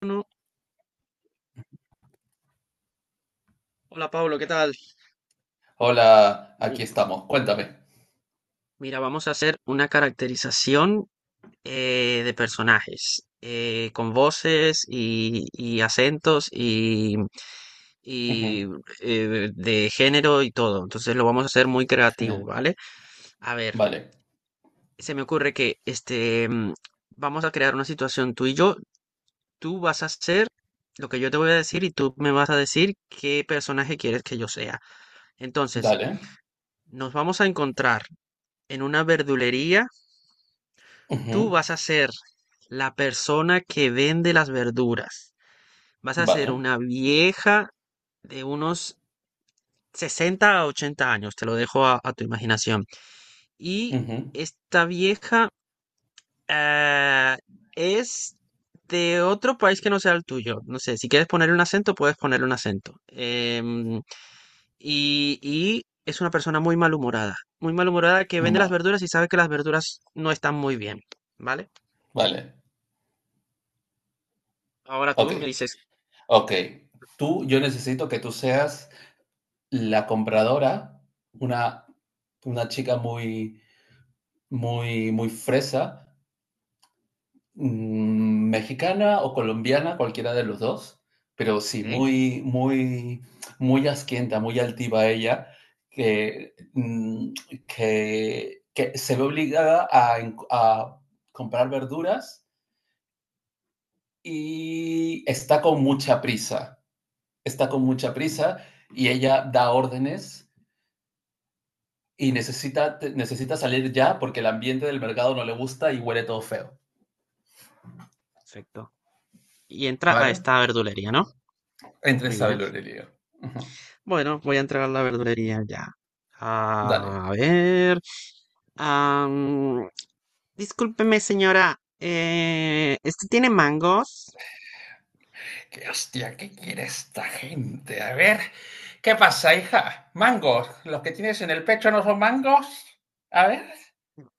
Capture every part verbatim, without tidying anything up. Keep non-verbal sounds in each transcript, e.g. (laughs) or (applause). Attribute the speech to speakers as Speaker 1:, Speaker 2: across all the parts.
Speaker 1: Bueno, hola Pablo, ¿qué tal?
Speaker 2: Hola,
Speaker 1: Mi-
Speaker 2: aquí estamos. Cuéntame.
Speaker 1: Mira, vamos a hacer una caracterización eh, de personajes eh, con voces y, y acentos y,
Speaker 2: Ujú.
Speaker 1: y, eh, de género y todo. Entonces lo vamos a hacer muy creativo,
Speaker 2: Genial.
Speaker 1: ¿vale? A ver,
Speaker 2: Vale.
Speaker 1: se me ocurre que este mm, vamos a crear una situación tú y yo. Tú vas a hacer lo que yo te voy a decir y tú me vas a decir qué personaje quieres que yo sea. Entonces,
Speaker 2: Dale.
Speaker 1: nos vamos a encontrar en una verdulería, tú
Speaker 2: Ujú.
Speaker 1: vas a ser la persona que vende las verduras. Vas a ser
Speaker 2: Vale.
Speaker 1: una vieja de unos sesenta a ochenta años, te lo dejo a, a tu imaginación. Y
Speaker 2: Ujú.
Speaker 1: esta vieja eh, es de otro país que no sea el tuyo. No sé, si quieres ponerle un acento, puedes ponerle un acento. Em, y, y es una persona muy malhumorada, muy malhumorada que vende las
Speaker 2: Ma-
Speaker 1: verduras y sabe que las verduras no están muy bien, ¿vale?
Speaker 2: Vale.
Speaker 1: Ahora tú
Speaker 2: Ok.
Speaker 1: me dices,
Speaker 2: Ok. Tú, yo necesito que tú seas la compradora, una, una chica muy, muy, muy fresa. Mm, Mexicana o colombiana, cualquiera de los dos, pero sí,
Speaker 1: ok,
Speaker 2: muy, muy, muy asquienta, muy altiva ella, que, mm, que, que se ve obligada a, en- a comprar verduras y está con mucha prisa, está con mucha prisa y ella da órdenes y necesita, te- necesita salir ya porque el ambiente del mercado no le gusta y huele todo feo,
Speaker 1: perfecto. Y entra a
Speaker 2: ¿vale?
Speaker 1: esta verdulería, ¿no?
Speaker 2: Entre
Speaker 1: Muy bien.
Speaker 2: Isabel y Aurelia. Ujú.
Speaker 1: Bueno, voy a entrar a la verdulería ya.
Speaker 2: Dale.
Speaker 1: A ver. am, discúlpeme, señora. Eh, ¿este tiene mangos?
Speaker 2: ¿Qué hostia? ¿Qué quiere esta gente? A ver, ¿qué pasa, hija? ¿Mangos? ¿Los que tienes en el pecho no son mangos? A ver,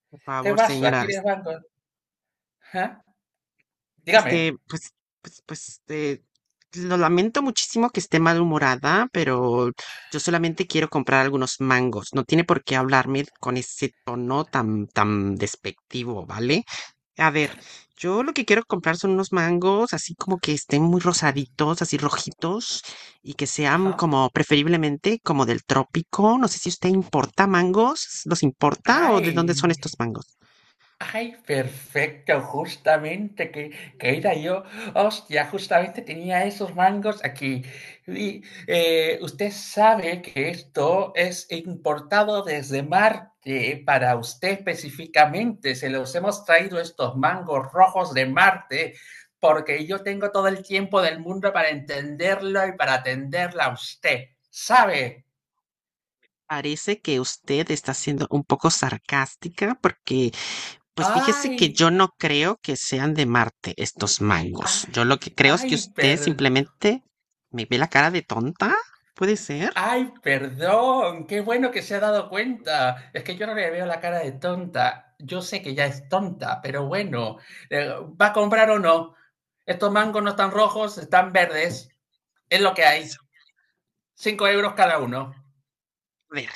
Speaker 1: Por
Speaker 2: ¿qué
Speaker 1: favor,
Speaker 2: pasa?
Speaker 1: señora.
Speaker 2: ¿Quieres mangos? ¿Ah? Dígame.
Speaker 1: Este, pues, pues, pues, eh, lo lamento muchísimo que esté malhumorada, pero yo solamente quiero comprar algunos mangos. No tiene por qué hablarme con ese tono tan, tan despectivo, ¿vale? A ver, yo lo que quiero comprar son unos mangos así como que estén muy rosaditos, así rojitos, y que sean
Speaker 2: Ajá.
Speaker 1: como preferiblemente como del trópico. No sé si usted importa mangos, ¿los importa o de dónde son
Speaker 2: Ay,
Speaker 1: estos mangos?
Speaker 2: ay, perfecto, justamente que, que era yo. Hostia, justamente tenía esos mangos aquí. Y eh, usted sabe que esto es importado desde Marte para usted específicamente. Se los hemos traído estos mangos rojos de Marte porque yo tengo todo el tiempo del mundo para entenderlo y para atenderla a usted. ¿Sabe?
Speaker 1: Parece que usted está siendo un poco sarcástica porque, pues fíjese que
Speaker 2: Ay,
Speaker 1: yo no creo que sean de Marte estos
Speaker 2: ay,
Speaker 1: mangos. Yo lo que creo es que
Speaker 2: ay,
Speaker 1: usted
Speaker 2: perdón.
Speaker 1: simplemente me ve la cara de tonta. ¿Puede ser?
Speaker 2: Ay, perdón, qué bueno que se ha dado cuenta. Es que yo no le veo la cara de tonta. Yo sé que ya es tonta, pero bueno, eh, ¿va a comprar o no? Estos mangos no están rojos, están verdes. Es lo que hay. Cinco euros cada uno.
Speaker 1: A ver,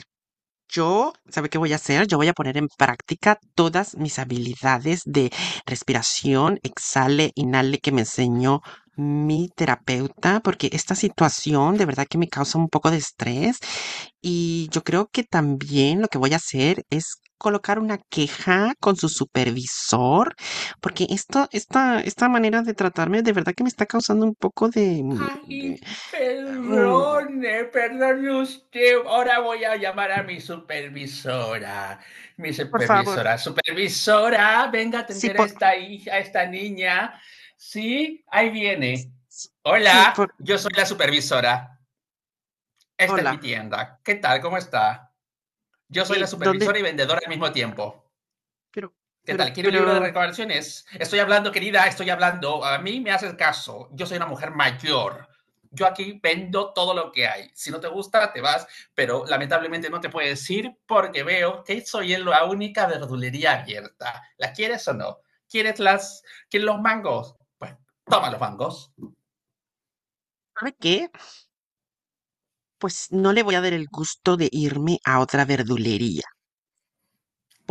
Speaker 1: yo, ¿sabe qué voy a hacer? Yo voy a poner en práctica todas mis habilidades de respiración, exhale, inhale que me enseñó mi terapeuta, porque esta situación de verdad que me causa un poco de estrés y yo creo que también lo que voy a hacer es colocar una queja con su supervisor, porque esto, esta, esta manera de tratarme de verdad que me está causando un poco de, de,
Speaker 2: Ay,
Speaker 1: mm,
Speaker 2: perdone, perdone usted. Ahora voy a llamar a mi supervisora. Mi
Speaker 1: por favor,
Speaker 2: supervisora, supervisora, venga a
Speaker 1: sí,
Speaker 2: atender a
Speaker 1: por,
Speaker 2: esta hija, a esta niña. Sí, ahí viene.
Speaker 1: sí,
Speaker 2: Hola,
Speaker 1: por,
Speaker 2: yo soy la supervisora. Esta es mi
Speaker 1: hola.
Speaker 2: tienda. ¿Qué tal? ¿Cómo está? Yo soy la
Speaker 1: Eh, ¿dónde?
Speaker 2: supervisora y vendedora al mismo tiempo.
Speaker 1: Pero,
Speaker 2: ¿Qué
Speaker 1: pero,
Speaker 2: tal? ¿Quiere un
Speaker 1: pero,
Speaker 2: libro de recomendaciones? Estoy hablando, querida, estoy hablando. A mí me haces caso. Yo soy una mujer mayor. Yo aquí vendo todo lo que hay. Si no te gusta, te vas, pero lamentablemente no te puedes ir porque veo que soy la única verdulería abierta. ¿Las quieres o no? ¿Quieres las, ¿quieres los mangos? Pues toma los mangos.
Speaker 1: ¿sabe qué? Pues no le voy a dar el gusto de irme a otra verdulería,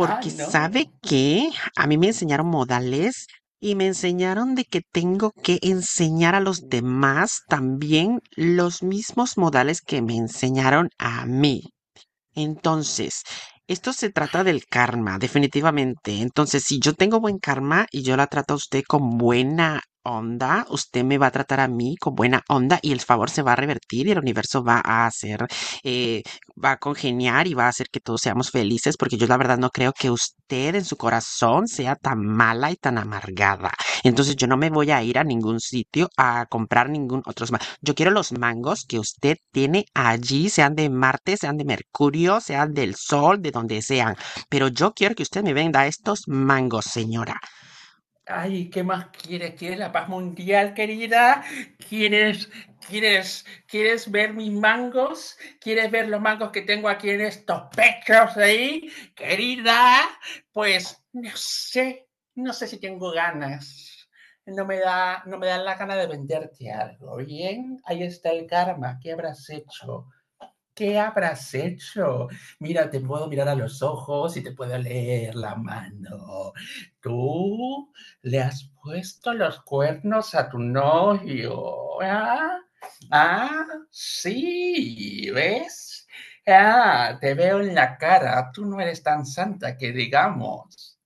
Speaker 2: Ah,
Speaker 1: ¿sabe
Speaker 2: no.
Speaker 1: qué? A mí me enseñaron modales y me enseñaron de que tengo que enseñar a los demás también los mismos modales que me enseñaron a mí. Entonces, esto se trata del karma, definitivamente. Entonces, si yo tengo buen karma y yo la trato a usted con buena onda, usted me va a tratar a mí con buena onda y el favor se va a revertir y el universo va a hacer, eh, va a congeniar y va a hacer que todos seamos felices, porque yo la verdad no creo que usted en su corazón sea tan mala y tan amargada. Entonces, yo no me voy a ir a ningún sitio a comprar ningún otro, yo quiero los mangos que usted tiene allí, sean de Marte, sean de Mercurio, sean del Sol, de donde sean. Pero yo quiero que usted me venda estos mangos, señora.
Speaker 2: Ay, ¿qué más quieres? ¿Quieres la paz mundial, querida? ¿Quieres, quieres, quieres ver mis mangos? ¿Quieres ver los mangos que tengo aquí en estos pechos ahí, querida? Pues no sé, no sé si tengo ganas. No me da, no me da la gana de venderte algo. Bien, ahí está el karma. ¿Qué habrás hecho? ¿Qué habrás hecho? Mira, te puedo mirar a los ojos y te puedo leer la mano. Tú le has puesto los cuernos a tu novio. ¿Ah? Ah, sí, ¿ves? Ah, te veo en la cara. Tú no eres tan santa que digamos.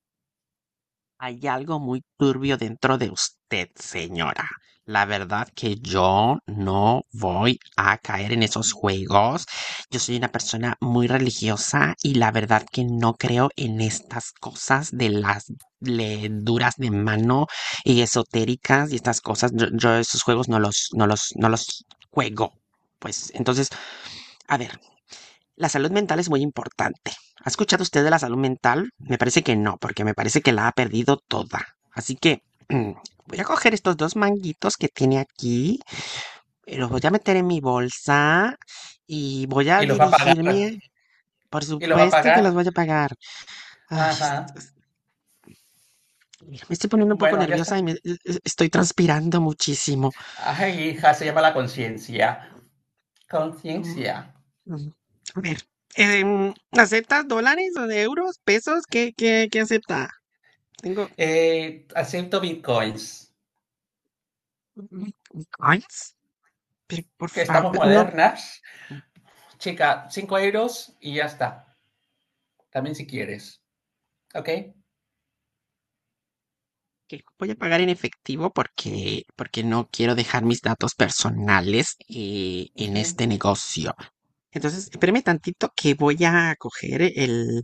Speaker 1: Hay algo muy turbio dentro de usted, señora. La verdad que yo no voy a caer en esos juegos. Yo soy una persona muy religiosa y la verdad que no creo en estas cosas de las duras de mano y esotéricas y estas cosas. Yo, yo esos juegos no los, no los, no los juego. Pues entonces, a ver. La salud mental es muy importante. ¿Ha escuchado usted de la salud mental? Me parece que no, porque me parece que la ha perdido toda. Así que (clears throat) voy a coger estos dos manguitos que tiene aquí, eh, los voy a meter en mi bolsa y voy a
Speaker 2: Y los va a pagar.
Speaker 1: dirigirme. Por
Speaker 2: Y los va a
Speaker 1: supuesto que
Speaker 2: pagar.
Speaker 1: los voy a pagar. Ay, est-
Speaker 2: Ajá.
Speaker 1: mira, me estoy poniendo un poco
Speaker 2: Bueno, ya
Speaker 1: nerviosa
Speaker 2: está.
Speaker 1: y me, e- e, estoy transpirando muchísimo.
Speaker 2: Ay, hija, se llama la conciencia.
Speaker 1: Mm,
Speaker 2: Conciencia.
Speaker 1: mm, A ver, eh, ¿aceptas dólares, o euros, pesos? ¿Qué, qué, qué acepta? Tengo,
Speaker 2: Eh, acepto bitcoins,
Speaker 1: ¿Me me coins? Pero por
Speaker 2: que estamos
Speaker 1: favor, no,
Speaker 2: modernas. Chica, cinco euros y ya está. También si quieres. ¿Ok?
Speaker 1: que voy a pagar en efectivo porque, porque no quiero dejar mis datos personales eh, en
Speaker 2: Ujú.
Speaker 1: este negocio. Entonces, espéreme tantito que voy a coger el,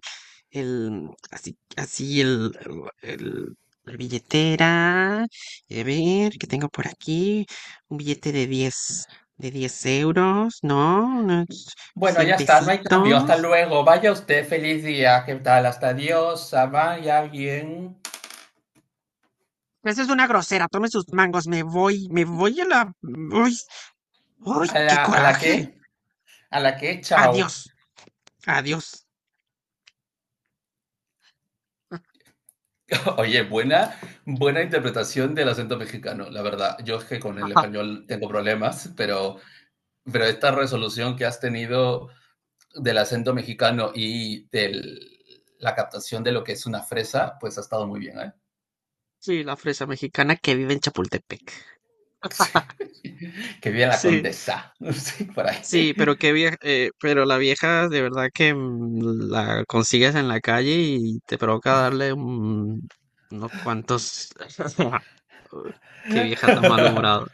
Speaker 1: el, así, así el, el- el- la billetera. A ver, ¿qué tengo por aquí? Un billete de diez de diez euros, ¿no? Unos
Speaker 2: Bueno,
Speaker 1: cien
Speaker 2: ya está, no hay cambio. Hasta
Speaker 1: pesitos.
Speaker 2: luego. Vaya usted, feliz día. ¿Qué tal? Hasta adiós. Ah, vaya bien.
Speaker 1: Esa es una grosera. Tome sus mangos. Me voy. Me voy a la. Uy, uy,
Speaker 2: ¿A
Speaker 1: qué
Speaker 2: la, ¿a la
Speaker 1: coraje.
Speaker 2: qué? ¿A la qué?
Speaker 1: Adiós.
Speaker 2: Chao.
Speaker 1: Adiós.
Speaker 2: (laughs) Oye, buena, buena
Speaker 1: (laughs)
Speaker 2: interpretación del acento mexicano, la verdad. Yo es que con el
Speaker 1: Ajá.
Speaker 2: español tengo problemas, pero, pero, esta resolución que has tenido del acento mexicano y de la captación de lo que es una fresa, pues ha estado muy bien, ¿eh?
Speaker 1: Sí, la fresa mexicana que vive en Chapultepec.
Speaker 2: (laughs) Sí.
Speaker 1: (laughs)
Speaker 2: Que viene la
Speaker 1: Sí,
Speaker 2: condesa, (laughs) sí, por ahí.
Speaker 1: sí, pero qué vieja, eh, pero la vieja de verdad que mm, la consigues en la calle y te provoca darle un- unos cuantos. (laughs) Qué vieja tan
Speaker 2: (laughs)
Speaker 1: malhumorada,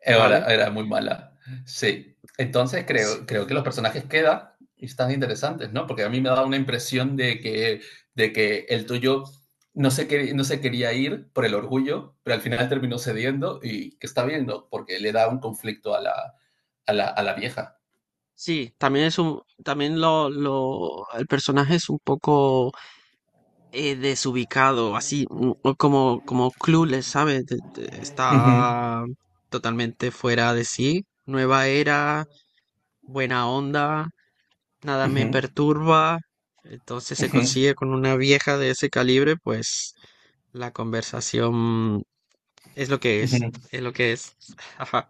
Speaker 2: Era,
Speaker 1: ¿vale?
Speaker 2: era, muy mala, sí. Entonces
Speaker 1: Sí,
Speaker 2: creo, creo que los personajes quedan y están interesantes, ¿no? Porque a mí me da una impresión de que, de que el tuyo no se, quer, no se quería ir por el orgullo, pero al final terminó cediendo y que está bien, ¿no? Porque le da un conflicto a la, a la, a la vieja.
Speaker 1: sí, también es un, también lo, lo, el personaje es un poco eh, desubicado, así mm, o como, como clueless, ¿sabes? De- de-
Speaker 2: Uh -huh,
Speaker 1: Está totalmente fuera de sí. Nueva era, buena onda, nada
Speaker 2: uh
Speaker 1: me
Speaker 2: -huh,
Speaker 1: perturba. Entonces
Speaker 2: uh
Speaker 1: se
Speaker 2: -huh.
Speaker 1: consigue con una vieja de ese calibre, pues la conversación es lo que es,
Speaker 2: Ujú. (laughs)
Speaker 1: es lo que es. (laughs) Ajá.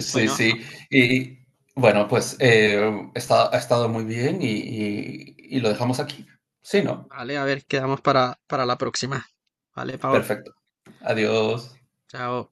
Speaker 2: Sí,
Speaker 1: Bueno,
Speaker 2: sí. Y bueno, pues eh, está, ha estado muy bien y, y y lo dejamos aquí. Sí, ¿no?
Speaker 1: vale, a ver, quedamos para, para la próxima. Vale, Pablo,
Speaker 2: Perfecto. Adiós.
Speaker 1: chao.